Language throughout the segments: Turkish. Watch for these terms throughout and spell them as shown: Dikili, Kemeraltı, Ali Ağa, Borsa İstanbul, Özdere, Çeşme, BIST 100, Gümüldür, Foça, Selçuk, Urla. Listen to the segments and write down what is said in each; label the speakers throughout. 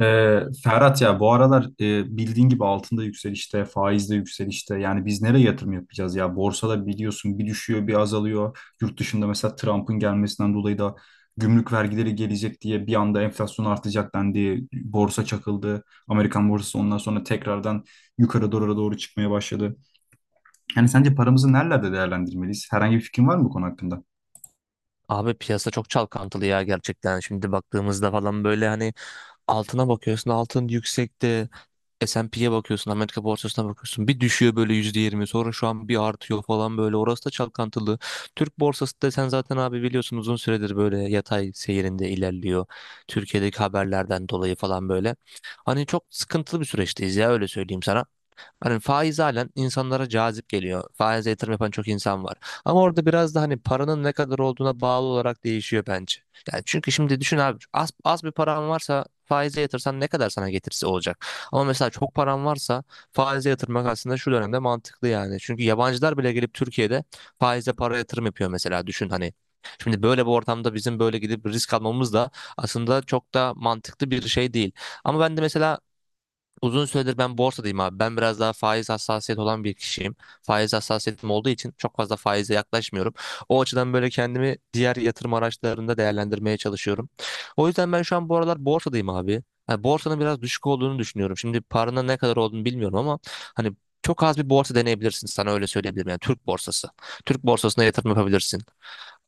Speaker 1: Ferhat ya bu aralar bildiğin gibi altında yükselişte, faizde yükselişte. Yani biz nereye yatırım yapacağız ya? Borsada biliyorsun bir düşüyor, bir azalıyor. Yurt dışında mesela Trump'ın gelmesinden dolayı da gümrük vergileri gelecek diye bir anda enflasyon artacak dendi. Borsa çakıldı. Amerikan borsası ondan sonra tekrardan yukarı doğru çıkmaya başladı. Yani sence paramızı nerelerde değerlendirmeliyiz? Herhangi bir fikrin var mı bu konu hakkında?
Speaker 2: Abi piyasa çok çalkantılı ya gerçekten. Şimdi baktığımızda falan böyle hani altına bakıyorsun altın yüksekte. S&P'ye bakıyorsun Amerika borsasına bakıyorsun. Bir düşüyor böyle %20 sonra şu an bir artıyor falan böyle. Orası da çalkantılı. Türk borsası da sen zaten abi biliyorsun uzun süredir böyle yatay seyrinde ilerliyor. Türkiye'deki haberlerden dolayı falan böyle. Hani çok sıkıntılı bir süreçteyiz ya öyle söyleyeyim sana. Hani faiz halen insanlara cazip geliyor. Faize yatırım yapan çok insan var. Ama orada biraz da hani paranın ne kadar olduğuna bağlı olarak değişiyor bence. Yani çünkü şimdi düşün abi az bir paran varsa faize yatırsan ne kadar sana getirisi olacak. Ama mesela çok paran varsa faize yatırmak aslında şu dönemde mantıklı yani. Çünkü yabancılar bile gelip Türkiye'de faize para yatırım yapıyor mesela düşün hani. Şimdi böyle bir ortamda bizim böyle gidip risk almamız da aslında çok da mantıklı bir şey değil. Ama ben de mesela uzun süredir ben borsadayım abi. Ben biraz daha faiz hassasiyet olan bir kişiyim. Faiz hassasiyetim olduğu için çok fazla faize yaklaşmıyorum. O açıdan böyle kendimi diğer yatırım araçlarında değerlendirmeye çalışıyorum. O yüzden ben şu an bu aralar borsadayım abi. Yani borsanın biraz düşük olduğunu düşünüyorum. Şimdi paranın ne kadar olduğunu bilmiyorum ama hani çok az bir borsa deneyebilirsin sana öyle söyleyebilirim. Yani Türk borsası. Türk borsasına yatırım yapabilirsin.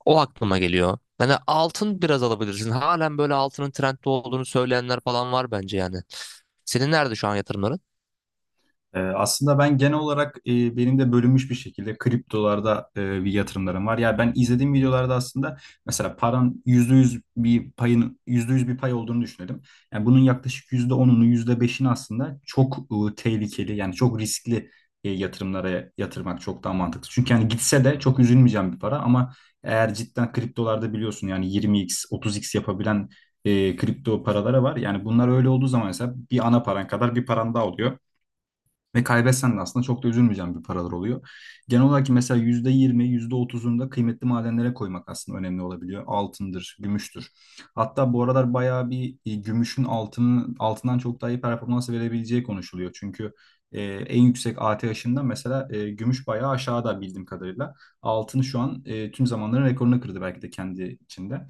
Speaker 2: O aklıma geliyor. Yani altın biraz alabilirsin. Halen böyle altının trendde olduğunu söyleyenler falan var bence yani. Senin nerede şu an yatırımların?
Speaker 1: Aslında ben genel olarak benim de bölünmüş bir şekilde kriptolarda bir yatırımlarım var. Yani ben izlediğim videolarda aslında mesela paran %100 bir payın %100 bir pay olduğunu düşünelim. Yani bunun yaklaşık %10'unu yüzde beşini aslında çok tehlikeli yani çok riskli yatırımlara yatırmak çok daha mantıklı. Çünkü yani gitse de çok üzülmeyeceğim bir para ama eğer cidden kriptolarda biliyorsun yani 20x 30x yapabilen kripto paralara var. Yani bunlar öyle olduğu zaman mesela bir ana paran kadar bir paran daha oluyor. Ve kaybetsen de aslında çok da üzülmeyeceğim bir paralar oluyor. Genel olarak mesela %20, %30'unu da kıymetli madenlere koymak aslında önemli olabiliyor. Altındır, gümüştür. Hatta bu aralar bayağı bir gümüşün altının altından çok daha iyi performans verebileceği konuşuluyor. Çünkü en yüksek ATH'inden mesela gümüş bayağı aşağıda bildiğim kadarıyla. Altın şu an tüm zamanların rekorunu kırdı belki de kendi içinde.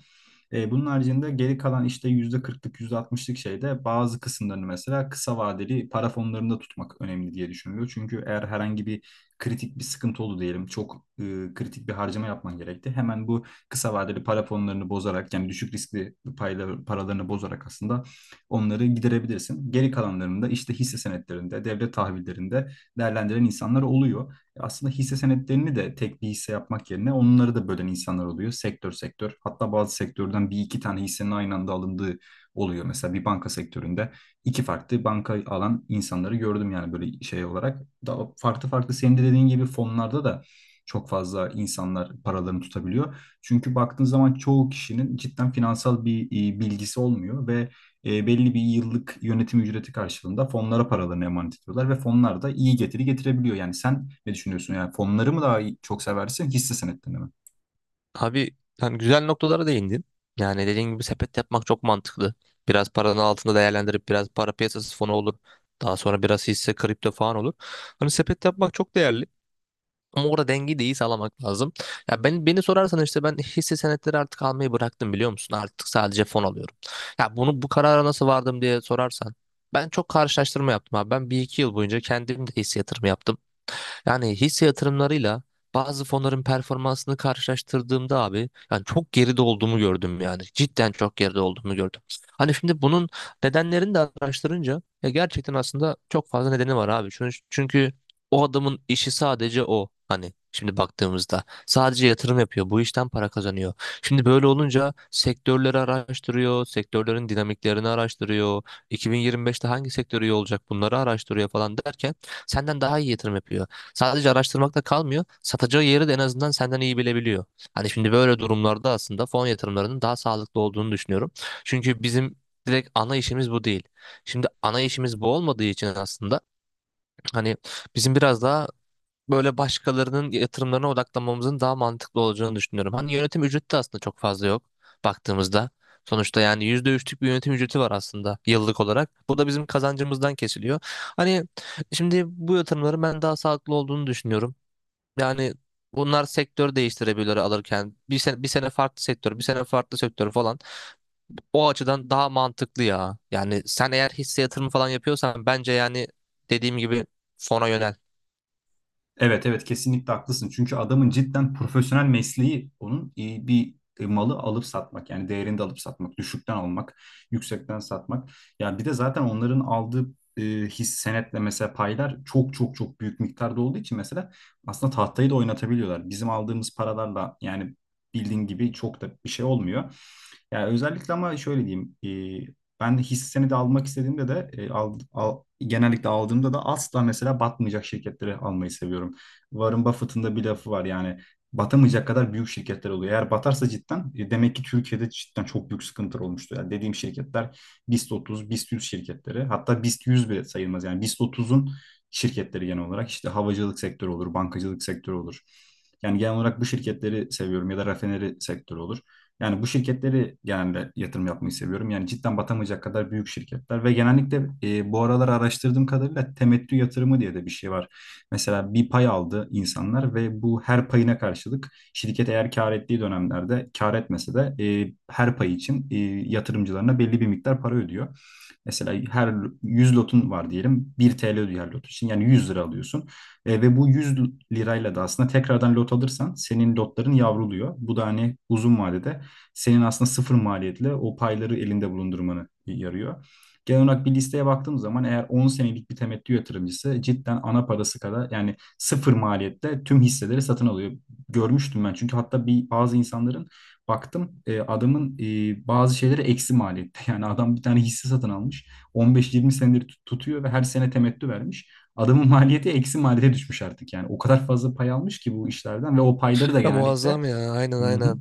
Speaker 1: Bunun haricinde geri kalan işte %40'lık yüzde altmışlık şeyde bazı kısımlarını mesela kısa vadeli para fonlarında tutmak önemli diye düşünülüyor. Çünkü eğer herhangi bir kritik bir sıkıntı oldu diyelim çok kritik bir harcama yapman gerekti. Hemen bu kısa vadeli para fonlarını bozarak yani düşük riskli payla, paralarını bozarak aslında onları giderebilirsin. Geri kalanlarını da işte hisse senetlerinde, devlet tahvillerinde değerlendiren insanlar oluyor. Aslında hisse senetlerini de tek bir hisse yapmak yerine onları da bölen insanlar oluyor. Sektör sektör. Hatta bazı sektörden bir iki tane hissenin aynı anda alındığı oluyor. Mesela bir banka sektöründe iki farklı banka alan insanları gördüm yani böyle şey olarak. Daha farklı farklı senin de dediğin gibi fonlarda da çok fazla insanlar paralarını tutabiliyor. Çünkü baktığın zaman çoğu kişinin cidden finansal bir bilgisi olmuyor ve belli bir yıllık yönetim ücreti karşılığında fonlara paralarını emanet ediyorlar ve fonlar da iyi getiri getirebiliyor. Yani sen ne düşünüyorsun? Yani fonları mı daha iyi- çok seversin, hisse senetlerini mi?
Speaker 2: Abi yani güzel noktalara değindin. Yani dediğin gibi sepet yapmak çok mantıklı. Biraz paranın altında değerlendirip biraz para piyasası fonu olur. Daha sonra biraz hisse kripto falan olur. Hani sepet yapmak çok değerli. Ama orada dengeyi de iyi sağlamak lazım. Ya ben beni sorarsan işte ben hisse senetleri artık almayı bıraktım biliyor musun? Artık sadece fon alıyorum. Ya bunu bu karara nasıl vardım diye sorarsan ben çok karşılaştırma yaptım abi. Ben bir iki yıl boyunca kendim de hisse yatırımı yaptım. Yani hisse yatırımlarıyla bazı fonların performansını karşılaştırdığımda abi yani çok geride olduğumu gördüm yani. Cidden çok geride olduğumu gördüm. Hani şimdi bunun nedenlerini de araştırınca ya gerçekten aslında çok fazla nedeni var abi. Çünkü o adamın işi sadece o. Hani şimdi baktığımızda sadece yatırım yapıyor. Bu işten para kazanıyor. Şimdi böyle olunca sektörleri araştırıyor, sektörlerin dinamiklerini araştırıyor. 2025'te hangi sektör iyi olacak bunları araştırıyor falan derken senden daha iyi yatırım yapıyor. Sadece araştırmakta kalmıyor. Satacağı yeri de en azından senden iyi bilebiliyor. Hani şimdi böyle durumlarda aslında fon yatırımlarının daha sağlıklı olduğunu düşünüyorum. Çünkü bizim direkt ana işimiz bu değil. Şimdi ana işimiz bu olmadığı için aslında hani bizim biraz daha böyle başkalarının yatırımlarına odaklanmamızın daha mantıklı olacağını düşünüyorum. Hani yönetim ücreti de aslında çok fazla yok baktığımızda. Sonuçta yani %3'lük bir yönetim ücreti var aslında yıllık olarak. Bu da bizim kazancımızdan kesiliyor. Hani şimdi bu yatırımların ben daha sağlıklı olduğunu düşünüyorum. Yani bunlar sektör değiştirebilir alırken. Bir sene, bir sene farklı sektör, bir sene farklı sektör falan. O açıdan daha mantıklı ya. Yani sen eğer hisse yatırımı falan yapıyorsan bence yani dediğim gibi fona yönel.
Speaker 1: Evet, evet, kesinlikle haklısın. Çünkü adamın cidden profesyonel mesleği onun bir malı alıp satmak, yani değerinde alıp satmak, düşükten almak, yüksekten satmak. Ya bir de zaten onların aldığı e, his senetle mesela paylar çok çok çok büyük miktarda olduğu için mesela aslında tahtayı da oynatabiliyorlar. Bizim aldığımız paralarla yani bildiğin gibi çok da bir şey olmuyor. Yani özellikle ama şöyle diyeyim, ben de hissesini de almak istediğimde de, genellikle aldığımda da asla mesela batmayacak şirketleri almayı seviyorum. Warren Buffett'ın da bir lafı var yani batamayacak kadar büyük şirketler oluyor. Eğer batarsa cidden demek ki Türkiye'de cidden çok büyük sıkıntılar olmuştu. Yani dediğim şirketler BIST 30, BIST 100 şirketleri, hatta BIST 100 bile sayılmaz. Yani BIST 30'un şirketleri genel olarak işte havacılık sektörü olur, bankacılık sektörü olur. Yani genel olarak bu şirketleri seviyorum ya da rafineri sektörü olur. Yani bu şirketleri genelde yatırım yapmayı seviyorum. Yani cidden batamayacak kadar büyük şirketler ve genellikle bu aralar araştırdığım kadarıyla temettü yatırımı diye de bir şey var. Mesela bir pay aldı insanlar ve bu her payına karşılık şirket eğer kar ettiği dönemlerde, kar etmese de, her pay için yatırımcılarına belli bir miktar para ödüyor. Mesela her 100 lotun var diyelim. 1 TL ödüyor her lot için. Yani 100 lira alıyorsun. Ve bu 100 lirayla da aslında tekrardan lot alırsan senin lotların yavruluyor. Bu da hani uzun vadede senin aslında sıfır maliyetle o payları elinde bulundurmanı yarıyor. Genel olarak bir listeye baktığım zaman eğer 10 senelik bir temettü yatırımcısı cidden ana parası kadar, yani sıfır maliyette tüm hisseleri satın alıyor. Görmüştüm ben, çünkü hatta bir bazı insanların baktım adamın bazı şeyleri eksi maliyette. Yani adam bir tane hisse satın almış. 15-20 senedir tutuyor ve her sene temettü vermiş. Adamın maliyeti eksi maliyete düşmüş artık yani. O kadar fazla pay almış ki bu işlerden ve o payları da
Speaker 2: Ya
Speaker 1: genellikle.
Speaker 2: muazzam ya, aynen aynen.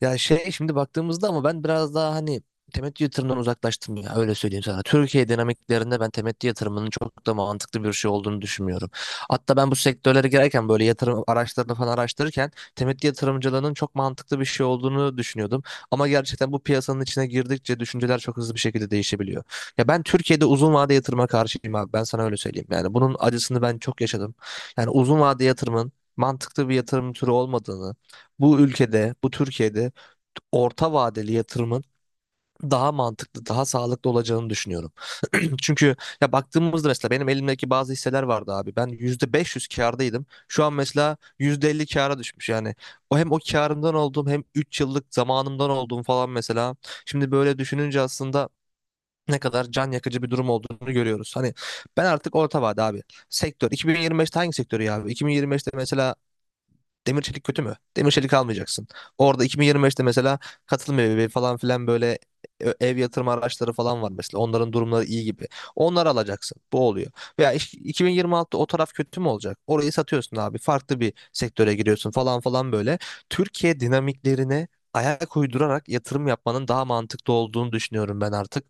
Speaker 2: Ya şey şimdi baktığımızda ama ben biraz daha hani temettü yatırımından uzaklaştım ya öyle söyleyeyim sana. Türkiye dinamiklerinde ben temettü yatırımının çok da mantıklı bir şey olduğunu düşünmüyorum. Hatta ben bu sektörlere girerken böyle yatırım araçlarını falan araştırırken temettü yatırımcılığının çok mantıklı bir şey olduğunu düşünüyordum. Ama gerçekten bu piyasanın içine girdikçe düşünceler çok hızlı bir şekilde değişebiliyor. Ya ben Türkiye'de uzun vade yatırıma karşıyım abi ben sana öyle söyleyeyim. Yani bunun acısını ben çok yaşadım. Yani uzun vade yatırımın mantıklı bir yatırım türü olmadığını, bu ülkede, bu Türkiye'de orta vadeli yatırımın daha mantıklı, daha sağlıklı olacağını düşünüyorum. Çünkü ya baktığımızda mesela benim elimdeki bazı hisseler vardı abi. Ben %500 kârdaydım. Şu an mesela %50 kâra düşmüş. Yani o hem o kârımdan olduğum hem 3 yıllık zamanımdan olduğum falan mesela. Şimdi böyle düşününce aslında ne kadar can yakıcı bir durum olduğunu görüyoruz. Hani ben artık orta vade abi. Sektör. 2025'te hangi sektörü ya abi? 2025'te mesela demir çelik kötü mü? Demir çelik almayacaksın. Orada 2025'te mesela katılım evi falan filan böyle ev yatırma araçları falan var mesela. Onların durumları iyi gibi. Onları alacaksın. Bu oluyor. Veya 2026'da o taraf kötü mü olacak? Orayı satıyorsun abi. Farklı bir sektöre giriyorsun falan falan böyle. Türkiye dinamiklerine ayak uydurarak yatırım yapmanın daha mantıklı olduğunu düşünüyorum ben artık.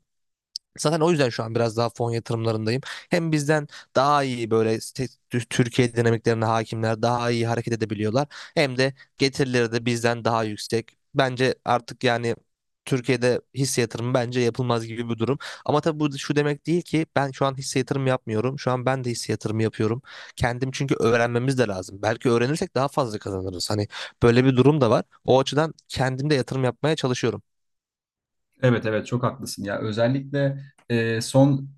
Speaker 2: Zaten o yüzden şu an biraz daha fon yatırımlarındayım. Hem bizden daha iyi böyle Türkiye dinamiklerine hakimler daha iyi hareket edebiliyorlar. Hem de getirileri de bizden daha yüksek. Bence artık yani Türkiye'de hisse yatırımı bence yapılmaz gibi bir durum. Ama tabii bu şu demek değil ki ben şu an hisse yatırımı yapmıyorum. Şu an ben de hisse yatırımı yapıyorum. Kendim çünkü öğrenmemiz de lazım. Belki öğrenirsek daha fazla kazanırız. Hani böyle bir durum da var. O açıdan kendim de yatırım yapmaya çalışıyorum.
Speaker 1: Evet, evet, çok haklısın ya. Özellikle son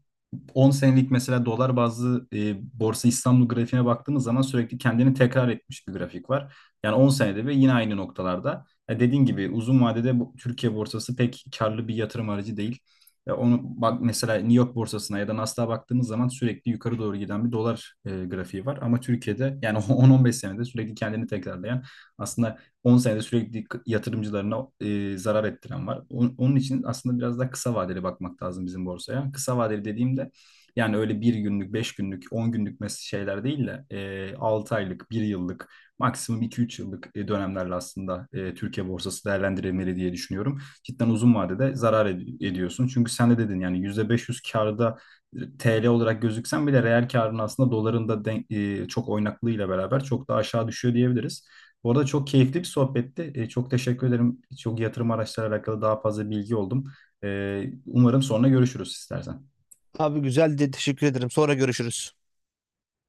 Speaker 1: 10 senelik mesela dolar bazlı Borsa İstanbul grafiğine baktığımız zaman sürekli kendini tekrar etmiş bir grafik var. Yani 10 senede ve yine aynı noktalarda. Ya dediğin gibi uzun vadede bu, Türkiye borsası pek karlı bir yatırım aracı değil. Ya onu bak, mesela New York borsasına ya da Nasdaq'a baktığımız zaman sürekli yukarı doğru giden bir dolar grafiği var. Ama Türkiye'de yani 10-15 senede sürekli kendini tekrarlayan, aslında 10 senede sürekli yatırımcılarına zarar ettiren var. Onun için aslında biraz daha kısa vadeli bakmak lazım bizim borsaya. Kısa vadeli dediğimde yani öyle bir günlük, 5 günlük, 10 günlük şeyler değil de, 6 aylık, bir yıllık, maksimum 2-3 yıllık dönemlerle aslında Türkiye borsası değerlendirilmeli diye düşünüyorum. Cidden uzun vadede zarar ediyorsun. Çünkü sen de dedin yani %500 karda TL olarak gözüksen bile reel karın aslında çok oynaklığıyla beraber çok daha aşağı düşüyor diyebiliriz. Bu arada çok keyifli bir sohbetti. Çok teşekkür ederim. Çok yatırım araçları alakalı daha fazla bilgi oldum. Umarım sonra görüşürüz istersen.
Speaker 2: Abi güzel de teşekkür ederim. Sonra görüşürüz.